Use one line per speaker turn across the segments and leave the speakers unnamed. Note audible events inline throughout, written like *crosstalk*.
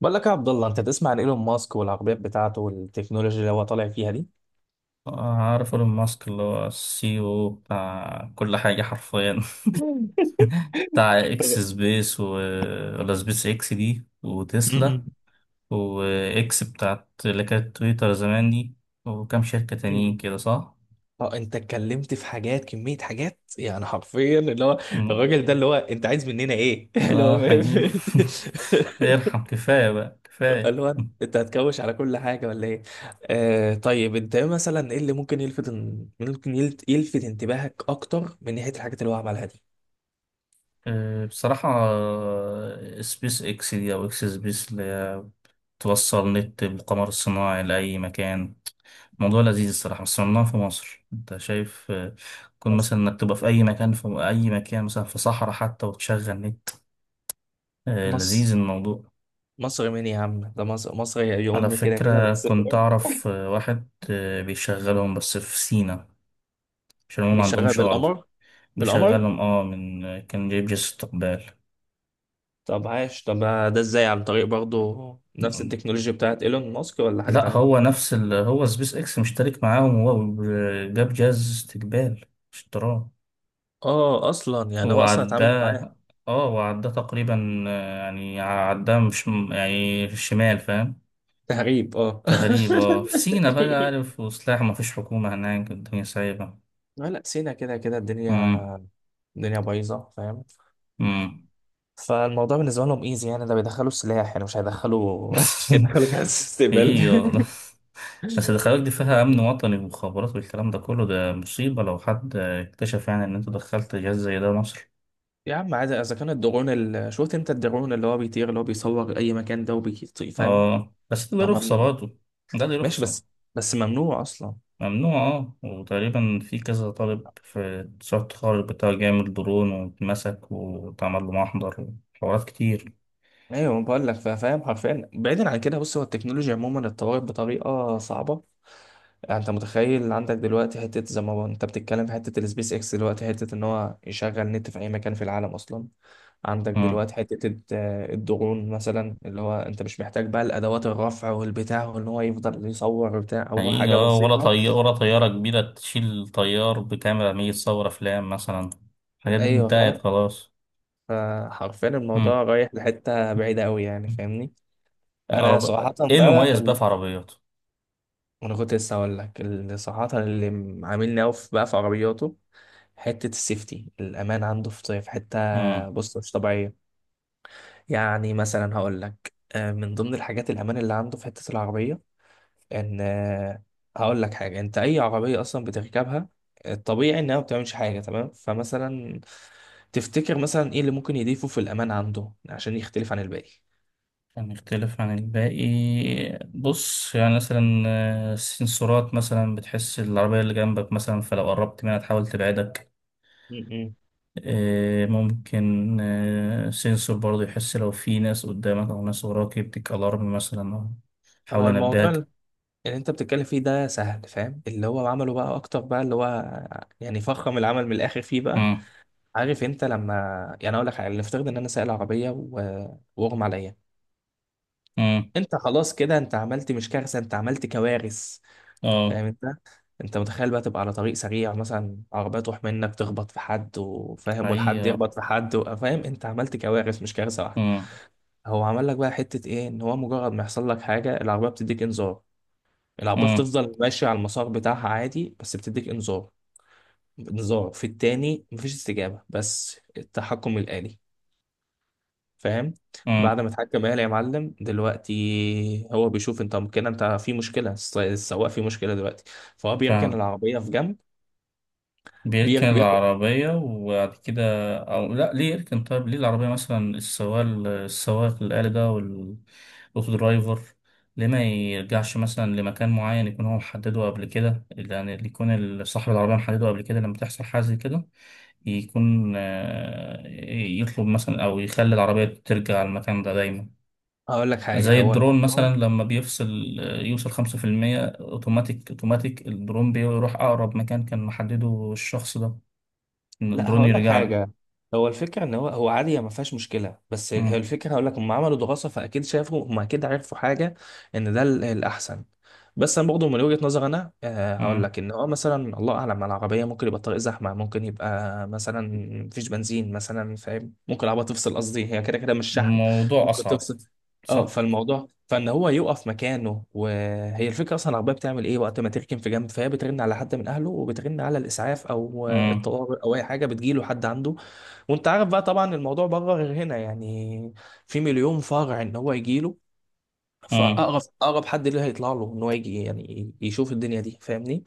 بقول لك يا عبد الله، انت تسمع عن ايلون ماسك والعربيات بتاعته والتكنولوجيا اللي هو طالع فيها دي؟
آه، عارف ايلون ماسك اللي هو السي او بتاع كل حاجة حرفيا. *laughs* بتاع اكس
*laughs*
سبيس و ولا سبيس اكس دي وتسلا،
م-م.
واكس بتاعت اللي كانت تويتر زمان دي، وكام شركة تانيين
م-م.
كده، صح؟
اه، انت اتكلمت في حاجات، كمية حاجات يعني حرفيا، اللي هو
م-
الراجل ده اللي هو انت عايز مننا ايه؟ *laughs* اللي هو
اه، حقيقي.
فاهم؟
*laughs* ارحم، كفاية بقى
*laughs*
كفاية.
اللي هو انت هتكوش على كل حاجة ولا ايه؟ آه طيب، انت ايه مثلا، ايه اللي ممكن يلفت، ممكن يلفت انتباهك اكتر من ناحية الحاجات اللي هو عملها دي؟
بصراحة، سبيس اكس دي او اكس سبيس اللي هي توصل نت بالقمر الصناعي لأي مكان. موضوع لذيذ الصراحة، بس ممنوع في مصر، انت شايف. كون
مصر.
مثلا انك تبقى في اي مكان، في اي مكان مثلا في صحراء حتى، وتشغل نت.
مصر.
لذيذ الموضوع.
مصر مين يا عم؟ ده مصر مصر يا
على
ام كده كده
فكرة
بس،
كنت
فاهم؟
اعرف واحد بيشغلهم بس في سينا، عشان هم ما
بيشغل
عندهمش ارض.
بالقمر.
بيشغلهم، اه من آه، كان جايب جهاز استقبال.
طب عاش، طب. ده ازاي؟ عن طريق برضه نفس التكنولوجيا بتاعت ايلون ماسك، ولا حاجة
لا،
تانية؟
هو نفس هو سبيس اكس مشترك معاهم، وهو جاب جهاز استقبال، اشتراه،
اه، اصلا يعني هو اصلا اتعامل معاه.
وعداه. اه وعداه تقريبا، يعني عداه، مش يعني، في الشمال، فاهم؟
تهريب، اه. *laughs*
تقريبا في سينا بقى، عارف، وسلاح، ما فيش حكومة هناك، الدنيا سايبة.
لا، لا، سينا كده كده الدنيا
امم.
الدنيا بايظه، فاهم؟
امم.
فالموضوع بالنسبه لهم ايزي، يعني ده بيدخلوا سلاح، يعني مش هيدخلوا *laughs* مش
*laughs*
هيدخلوا جهاز استقبال.
ايه، يلا.
*laughs*
بس الخلايا دي فيها امن وطني ومخابرات والكلام ده كله، ده مصيبة لو حد اكتشف يعني ان انت دخلت جهاز زي ده مصر.
يا عم عادي، اذا كان الدرون شفت انت الدرون اللي هو بيطير، اللي هو بيصور اي مكان ده وبيطير، فاهم؟
اه، بس ده له رخصة
هم-
برضه. ده له
ماشي،
رخصة.
بس ممنوع اصلا.
ممنوع، اه، وتقريبا في كذا طالب في مشروع التخرج بتاع جامعة برون واتمسك واتعمل له محضر وحوارات كتير.
ايوه بقول لك فاهم، حرفيا بعيدا عن كده، بص هو التكنولوجيا عموما اتطورت بطريقه صعبه. يعني انت متخيل عندك دلوقتي حته، زي ما انت بتتكلم في حته السبيس اكس دلوقتي، حته ان هو يشغل نت في اي مكان في العالم اصلا. عندك
مم.
دلوقتي حته الدرون مثلا، اللي هو انت مش محتاج بقى الادوات، الرفع والبتاع، وان هو يفضل يصور بتاع، هو
حقيقة،
حاجه بسيطه.
ولا طيارة كبيرة تشيل طيار بكاميرا 100 تصور أفلام مثلا. الحاجات دي
ايوه،
انتهت
فاهم.
خلاص.
فحرفيا
مم.
الموضوع رايح لحته بعيده قوي، يعني فاهمني. انا
عرب...
صراحه
ايه
بقى،
المميز بقى في عربيات؟
انا كنت لسه هقول لك، اللي صراحه، اللي عاملني قوي بقى في عربياته، حته السيفتي، الامان عنده في حته، بص مش طبيعيه. يعني مثلا هقول لك، من ضمن الحاجات، الامان اللي عنده في حته العربيه، ان آه، هقول لك حاجه، انت اي عربيه اصلا بتركبها، الطبيعي انها ما بتعملش حاجه، تمام؟ فمثلا، تفتكر مثلا ايه اللي ممكن يضيفه في الامان عنده عشان يختلف عن الباقي؟
هنختلف عن الباقي. بص، يعني مثلا السنسورات مثلا بتحس العربية اللي جنبك، مثلا فلو قربت منها تحاول تبعدك.
م- م.
ممكن سنسور برضه يحس لو في ناس قدامك أو ناس وراك، يديك ألارم مثلا أو يحاول
هو الموضوع اللي
ينبهك.
انت بتتكلم فيه ده سهل، فاهم؟ اللي هو عمله بقى اكتر بقى، اللي هو يعني فخم العمل من الاخر فيه بقى.
مم.
عارف انت لما، يعني اقول لك حاجه، نفترض ان انا سائق عربيه واغمى عليا،
مم.
انت خلاص كده، انت عملت مش كارثه، انت عملت كوارث.
اه.
فاهم انت؟ انت متخيل بقى تبقى على طريق سريع مثلا، عربيه تروح منك تخبط في حد وفاهم، والحد
حقيقة.
يخبط في حد فاهم، انت عملت كوارث مش كارثه واحده.
مم.
هو عمل لك بقى حته ايه، ان هو مجرد ما يحصل لك حاجه العربيه بتديك انذار. العربية
مم.
بتفضل ماشية على المسار بتاعها عادي، بس بتديك انذار. انذار، في التاني مفيش استجابة، بس التحكم الآلي. فاهم؟ بعد ما اتحكم آلي يا معلم، دلوقتي هو بيشوف انت كده انت في مشكلة، السواق في مشكلة دلوقتي. فهو بيركن
مم.
العربية في جنب.
بيركن
بياخد.
العربية، وبعد كده. أو لأ، ليه يركن؟ طيب ليه العربية مثلا، السواق، السواق الآلي ده والأوتو درايفر، ليه ما يرجعش مثلا لمكان معين يكون هو محدده قبل كده، يعني اللي يكون صاحب العربية محدده قبل كده لما تحصل حاجة زي كده، يكون يطلب مثلا أو يخلي العربية ترجع المكان ده دايما.
هقول لك حاجة،
زي
هو
الدرون
الموضوع.
مثلا لما بيفصل يوصل 5% أوتوماتيك، أوتوماتيك الدرون بيروح أقرب مكان كان محدده الشخص ده، إن
لا، هقول
بروني
لك
رجع له.
حاجه، هو الفكره ان هو عادي، ما فيهاش مشكله، بس هي
مم.
الفكره، هقول لك هم عملوا دراسه، فاكيد شافوا، هم اكيد عرفوا حاجه، ان ده الاحسن. بس انا برضه من وجهه نظر انا، هقول
مم.
لك ان هو مثلا الله اعلم على العربيه، ممكن يبقى الطريق زحمه، ممكن يبقى مثلا مفيش بنزين مثلا، فاهم؟ ممكن العربيه تفصل، قصدي هي كده كده مش شحن،
الموضوع
ممكن
أصعب،
تفصل. اه،
صح؟
فالموضوع، فان هو يقف مكانه، وهي الفكره اصلا العربيه بتعمل ايه وقت ما تركن في جنب؟ فهي بترن على حد من اهله، وبترن على الاسعاف او
مم.
الطوارئ او اي حاجه، بتجيله حد عنده. وانت عارف بقى طبعا الموضوع بره غير هنا يعني، في مليون فرع ان هو يجيله،
مم.
فاقرب اقرب حد ليه هيطلع له ان هو يجي، يعني يشوف الدنيا دي، فاهمني؟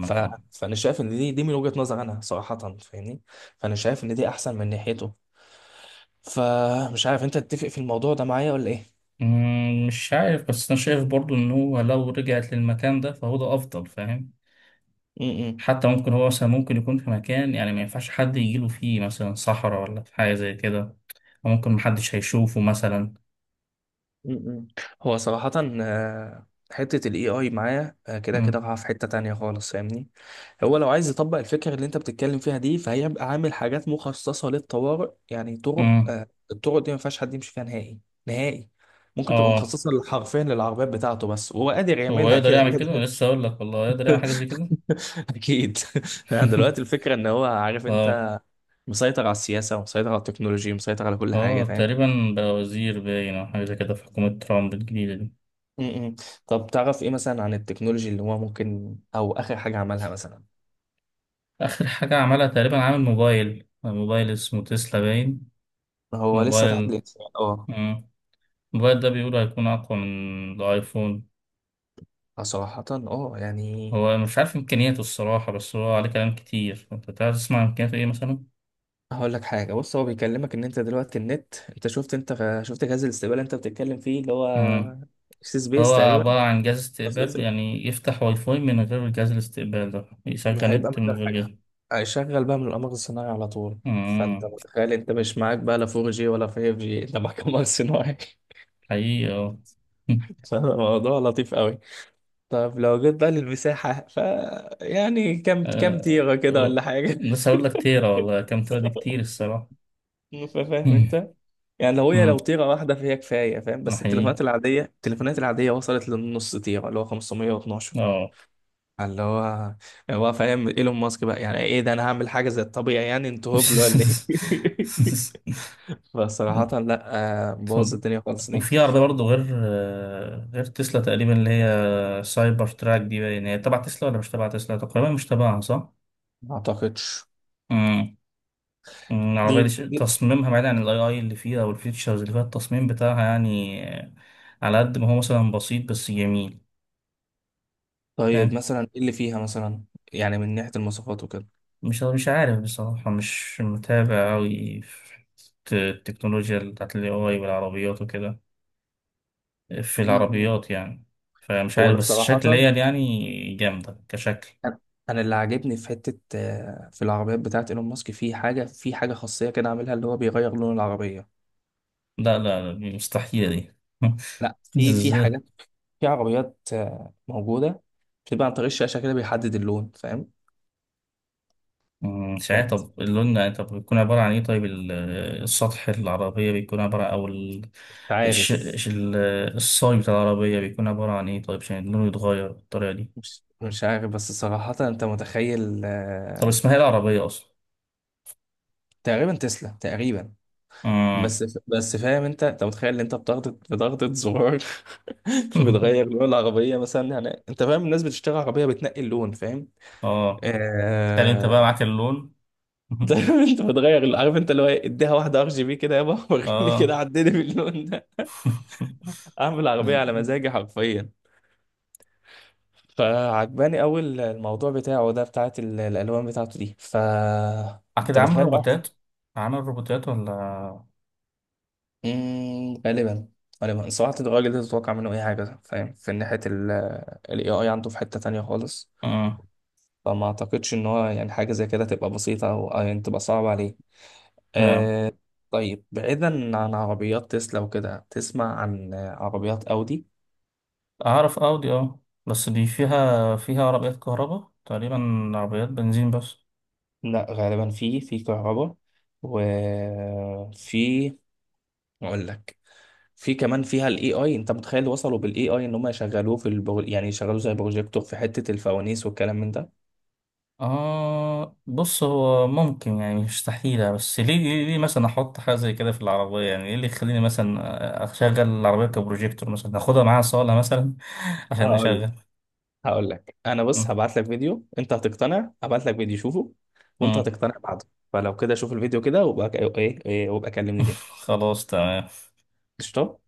ف...
آه.
فانا شايف ان دي من وجهه نظر انا صراحه، فاهمني؟ فانا شايف ان دي احسن من ناحيته. فمش عارف، انت تتفق في الموضوع ده معايا ولا ايه؟
مم. مش عارف، بس أنا شايف برضو إن هو لو رجعت للمكان ده فهو ده أفضل، فاهم؟
م- م.
حتى ممكن هو مثلا ممكن يكون في مكان يعني ما ينفعش حد يجيله فيه، مثلا صحراء ولا في حاجة زي كده، وممكن محدش هيشوفه مثلا.
م-م. هو صراحة، حتة ال AI معايا كده كده
مم.
رايحة في حتة تانية خالص، فاهمني؟ هو لو عايز يطبق الفكرة اللي انت بتتكلم فيها دي، فهيبقى عامل حاجات مخصصة للطوارئ، يعني طرق
مم.
آه، الطرق دي ما فيهاش حد يمشي فيها نهائي. نهائي. ممكن تبقى
اه،
مخصصة حرفيا للعربيات بتاعته بس، وهو قادر
هو
يعملها
يقدر
كده
يعمل كده، أنا
كده.
لسه هقول لك والله يقدر يعمل حاجة زي كده.
*laughs* أكيد. *laughs* يعني دلوقتي
*laughs*
الفكرة إن هو عارف،
اه.
أنت مسيطر على السياسة ومسيطر على التكنولوجيا ومسيطر على كل حاجة،
اه،
فاهم؟
تقريبا بقى وزير باين او حاجه زي كده في حكومه ترامب الجديده دي.
م-م. طب تعرف ايه مثلا عن التكنولوجي اللي هو ممكن، او اخر حاجه عملها مثلا؟
اخر حاجه عملها تقريبا، عامل موبايل، موبايل اسمه تسلا باين.
هو لسه تحت
موبايل.
الانسان، اه.
مم. الموبايل ده بيقولوا هيكون اقوى من الايفون.
صراحه اه يعني،
هو أنا مش عارف امكانياته الصراحه، بس هو عليه كلام كتير، انت تعرف تسمع امكانياته ايه مثلا؟
هقول لك حاجه، بص هو بيكلمك ان انت دلوقتي النت، انت شفت، انت شفت جهاز الاستقبال اللي انت بتتكلم فيه اللي هو
مم.
سي سبيس
هو
تقريبا.
عباره عن جهاز
سبيس
استقبال، يعني يفتح واي فاي من غير جهاز الاستقبال ده، يشغل
هيبقى
نت من
مجال
غير
حاجه،
جهاز.
هيشغل بقى من القمر الصناعي على طول. فانت
مم.
متخيل انت مش معاك بقى لا 4G ولا 5G، انت معاك قمر صناعي.
حقيقي، اه. *laughs*
*laughs* فالموضوع لطيف قوي. طب لو جيت بقى للمساحة، يعني كام
آه،
تيرة كده
آه،
ولا حاجة؟
لسه هقول لك، تيرا والله، كام تيرا دي كتير الصراحة.
*laughs* فاهم انت؟ يعني
امم.
لو تيرة واحدة فهي كفاية، فاهم؟
ده
بس
حقيقي.
التليفونات العادية وصلت للنص تيرة اللي هو 512،
اه.
اللي هو فاهم ايلون ماسك بقى، يعني ايه ده؟ انا هعمل حاجة زي الطبيعي، يعني انتوا هبل ولا ايه؟
*laughs*
*laughs* فصراحة لا، بوظ
طب،
الدنيا خالص دي.
وفي عربية برضه غير غير تسلا تقريبا، اللي هي سايبر تراك دي، باين هي تبع تسلا ولا مش تبع تسلا، تقريبا مش تبعها، صح؟
ما اعتقدش.
امم.
دي
العربية دي
دي-
تصميمها بعيد عن الاي اي اللي فيها او الفيتشرز اللي فيها، التصميم بتاعها يعني على قد ما هو مثلا بسيط بس جميل.
طيب
فاهم؟
مثلا ايه اللي فيها مثلا، يعني من ناحية المواصفات وكده؟
مش عارف بصراحة، مش متابع أوي في التكنولوجيا بتاعت ال AI والعربيات وكده، في
مم.
العربيات يعني. فمش
هو
عارف،
لا
بس
صراحة،
شكليا يعني جامدة كشكل.
انا اللي عاجبني في حته، في العربيات بتاعت ايلون ماسك، في حاجه خاصيه كده عاملها، اللي هو بيغير لون العربيه.
لا، لا، دي مستحيلة دي.
لا،
*laughs*
في
ازاي؟
حاجات، في عربيات موجوده، بتبقى عن طريق الشاشه كده بيحدد اللون، فاهم؟
مم، مش عارف،
فأنت
طب اللون يعني، طب بيكون عبارة عن ايه؟ طيب السطح العربية بيكون عبارة، أو
مش
الش...
عارف.
الش- ال- الصاج بتاع العربية بيكون عبارة عن ايه طيب، عشان اللون يتغير بالطريقة دي؟
مش عارف بس صراحه، انت متخيل
طب اسمها ايه العربية أصلا؟
تقريبا تسلا تقريبا،
مم.
بس فاهم انت، انت متخيل ان انت بضغطة زرار، *laughs*
*laughs*
بتغير لون العربية مثلا، يعني انت فاهم، الناس بتشتري عربية بتنقي اللون، فاهم؟
اه. تخيل انت بقى
آه.
معاك اللون.
*laughs*
*laughs*
انت بتغير عارف انت اللي هو ايه، اديها واحده ار جي بي كده يابا، *laughs* وريني
اه.
كده عدني باللون ده. اعمل عربيه على مزاجي حرفيا. فعجباني قوي الموضوع بتاعه ده، بتاعت الالوان بتاعته دي.
*laughs*
انت
كده
متخيل رايح.
عامل روبوتات، ولا؟
غالبا. غالبا صراحه، الراجل ده تتوقع منه اي حاجه، فاهم؟ في ناحيه الاي اي عنده في حته تانية خالص.
اه.
فما اعتقدش ان هو يعني حاجه زي كده تبقى بسيطه، او يعني تبقى صعبه عليه.
آه.
آه. طيب، بعيدا عن عربيات تسلا وكده، تسمع عن عربيات أودي؟
اعرف اودي، اه، بس دي فيها عربيات كهرباء، تقريبا عربيات بنزين بس.
لا غالبا، في كهرباء، وفي، اقول لك، في كمان فيها الاي اي، انت متخيل وصلوا بالاي اي ان هم يشغلوه في يعني يشغلوه زي بروجيكتور في حتة الفوانيس والكلام من ده.
اه، بص هو ممكن، يعني مش مستحيلة، بس ليه مثلا احط حاجة زي كده في العربية؟ يعني ايه اللي يخليني مثلا اشغل العربية كبروجيكتور مثلا، اخدها معايا صالة مثلا؟ *laughs* عشان
هقول
اشغل.
هقول لك انا، بص
مم.
هبعت لك فيديو انت هتقتنع، هبعت لك فيديو شوفه وانت
مم.
هتقتنع بعده. فلو كده شوف الفيديو كده، وبقى ايه إيه، وابقى كلمني تاني.
*laughs* خلاص، تمام.
قشطة.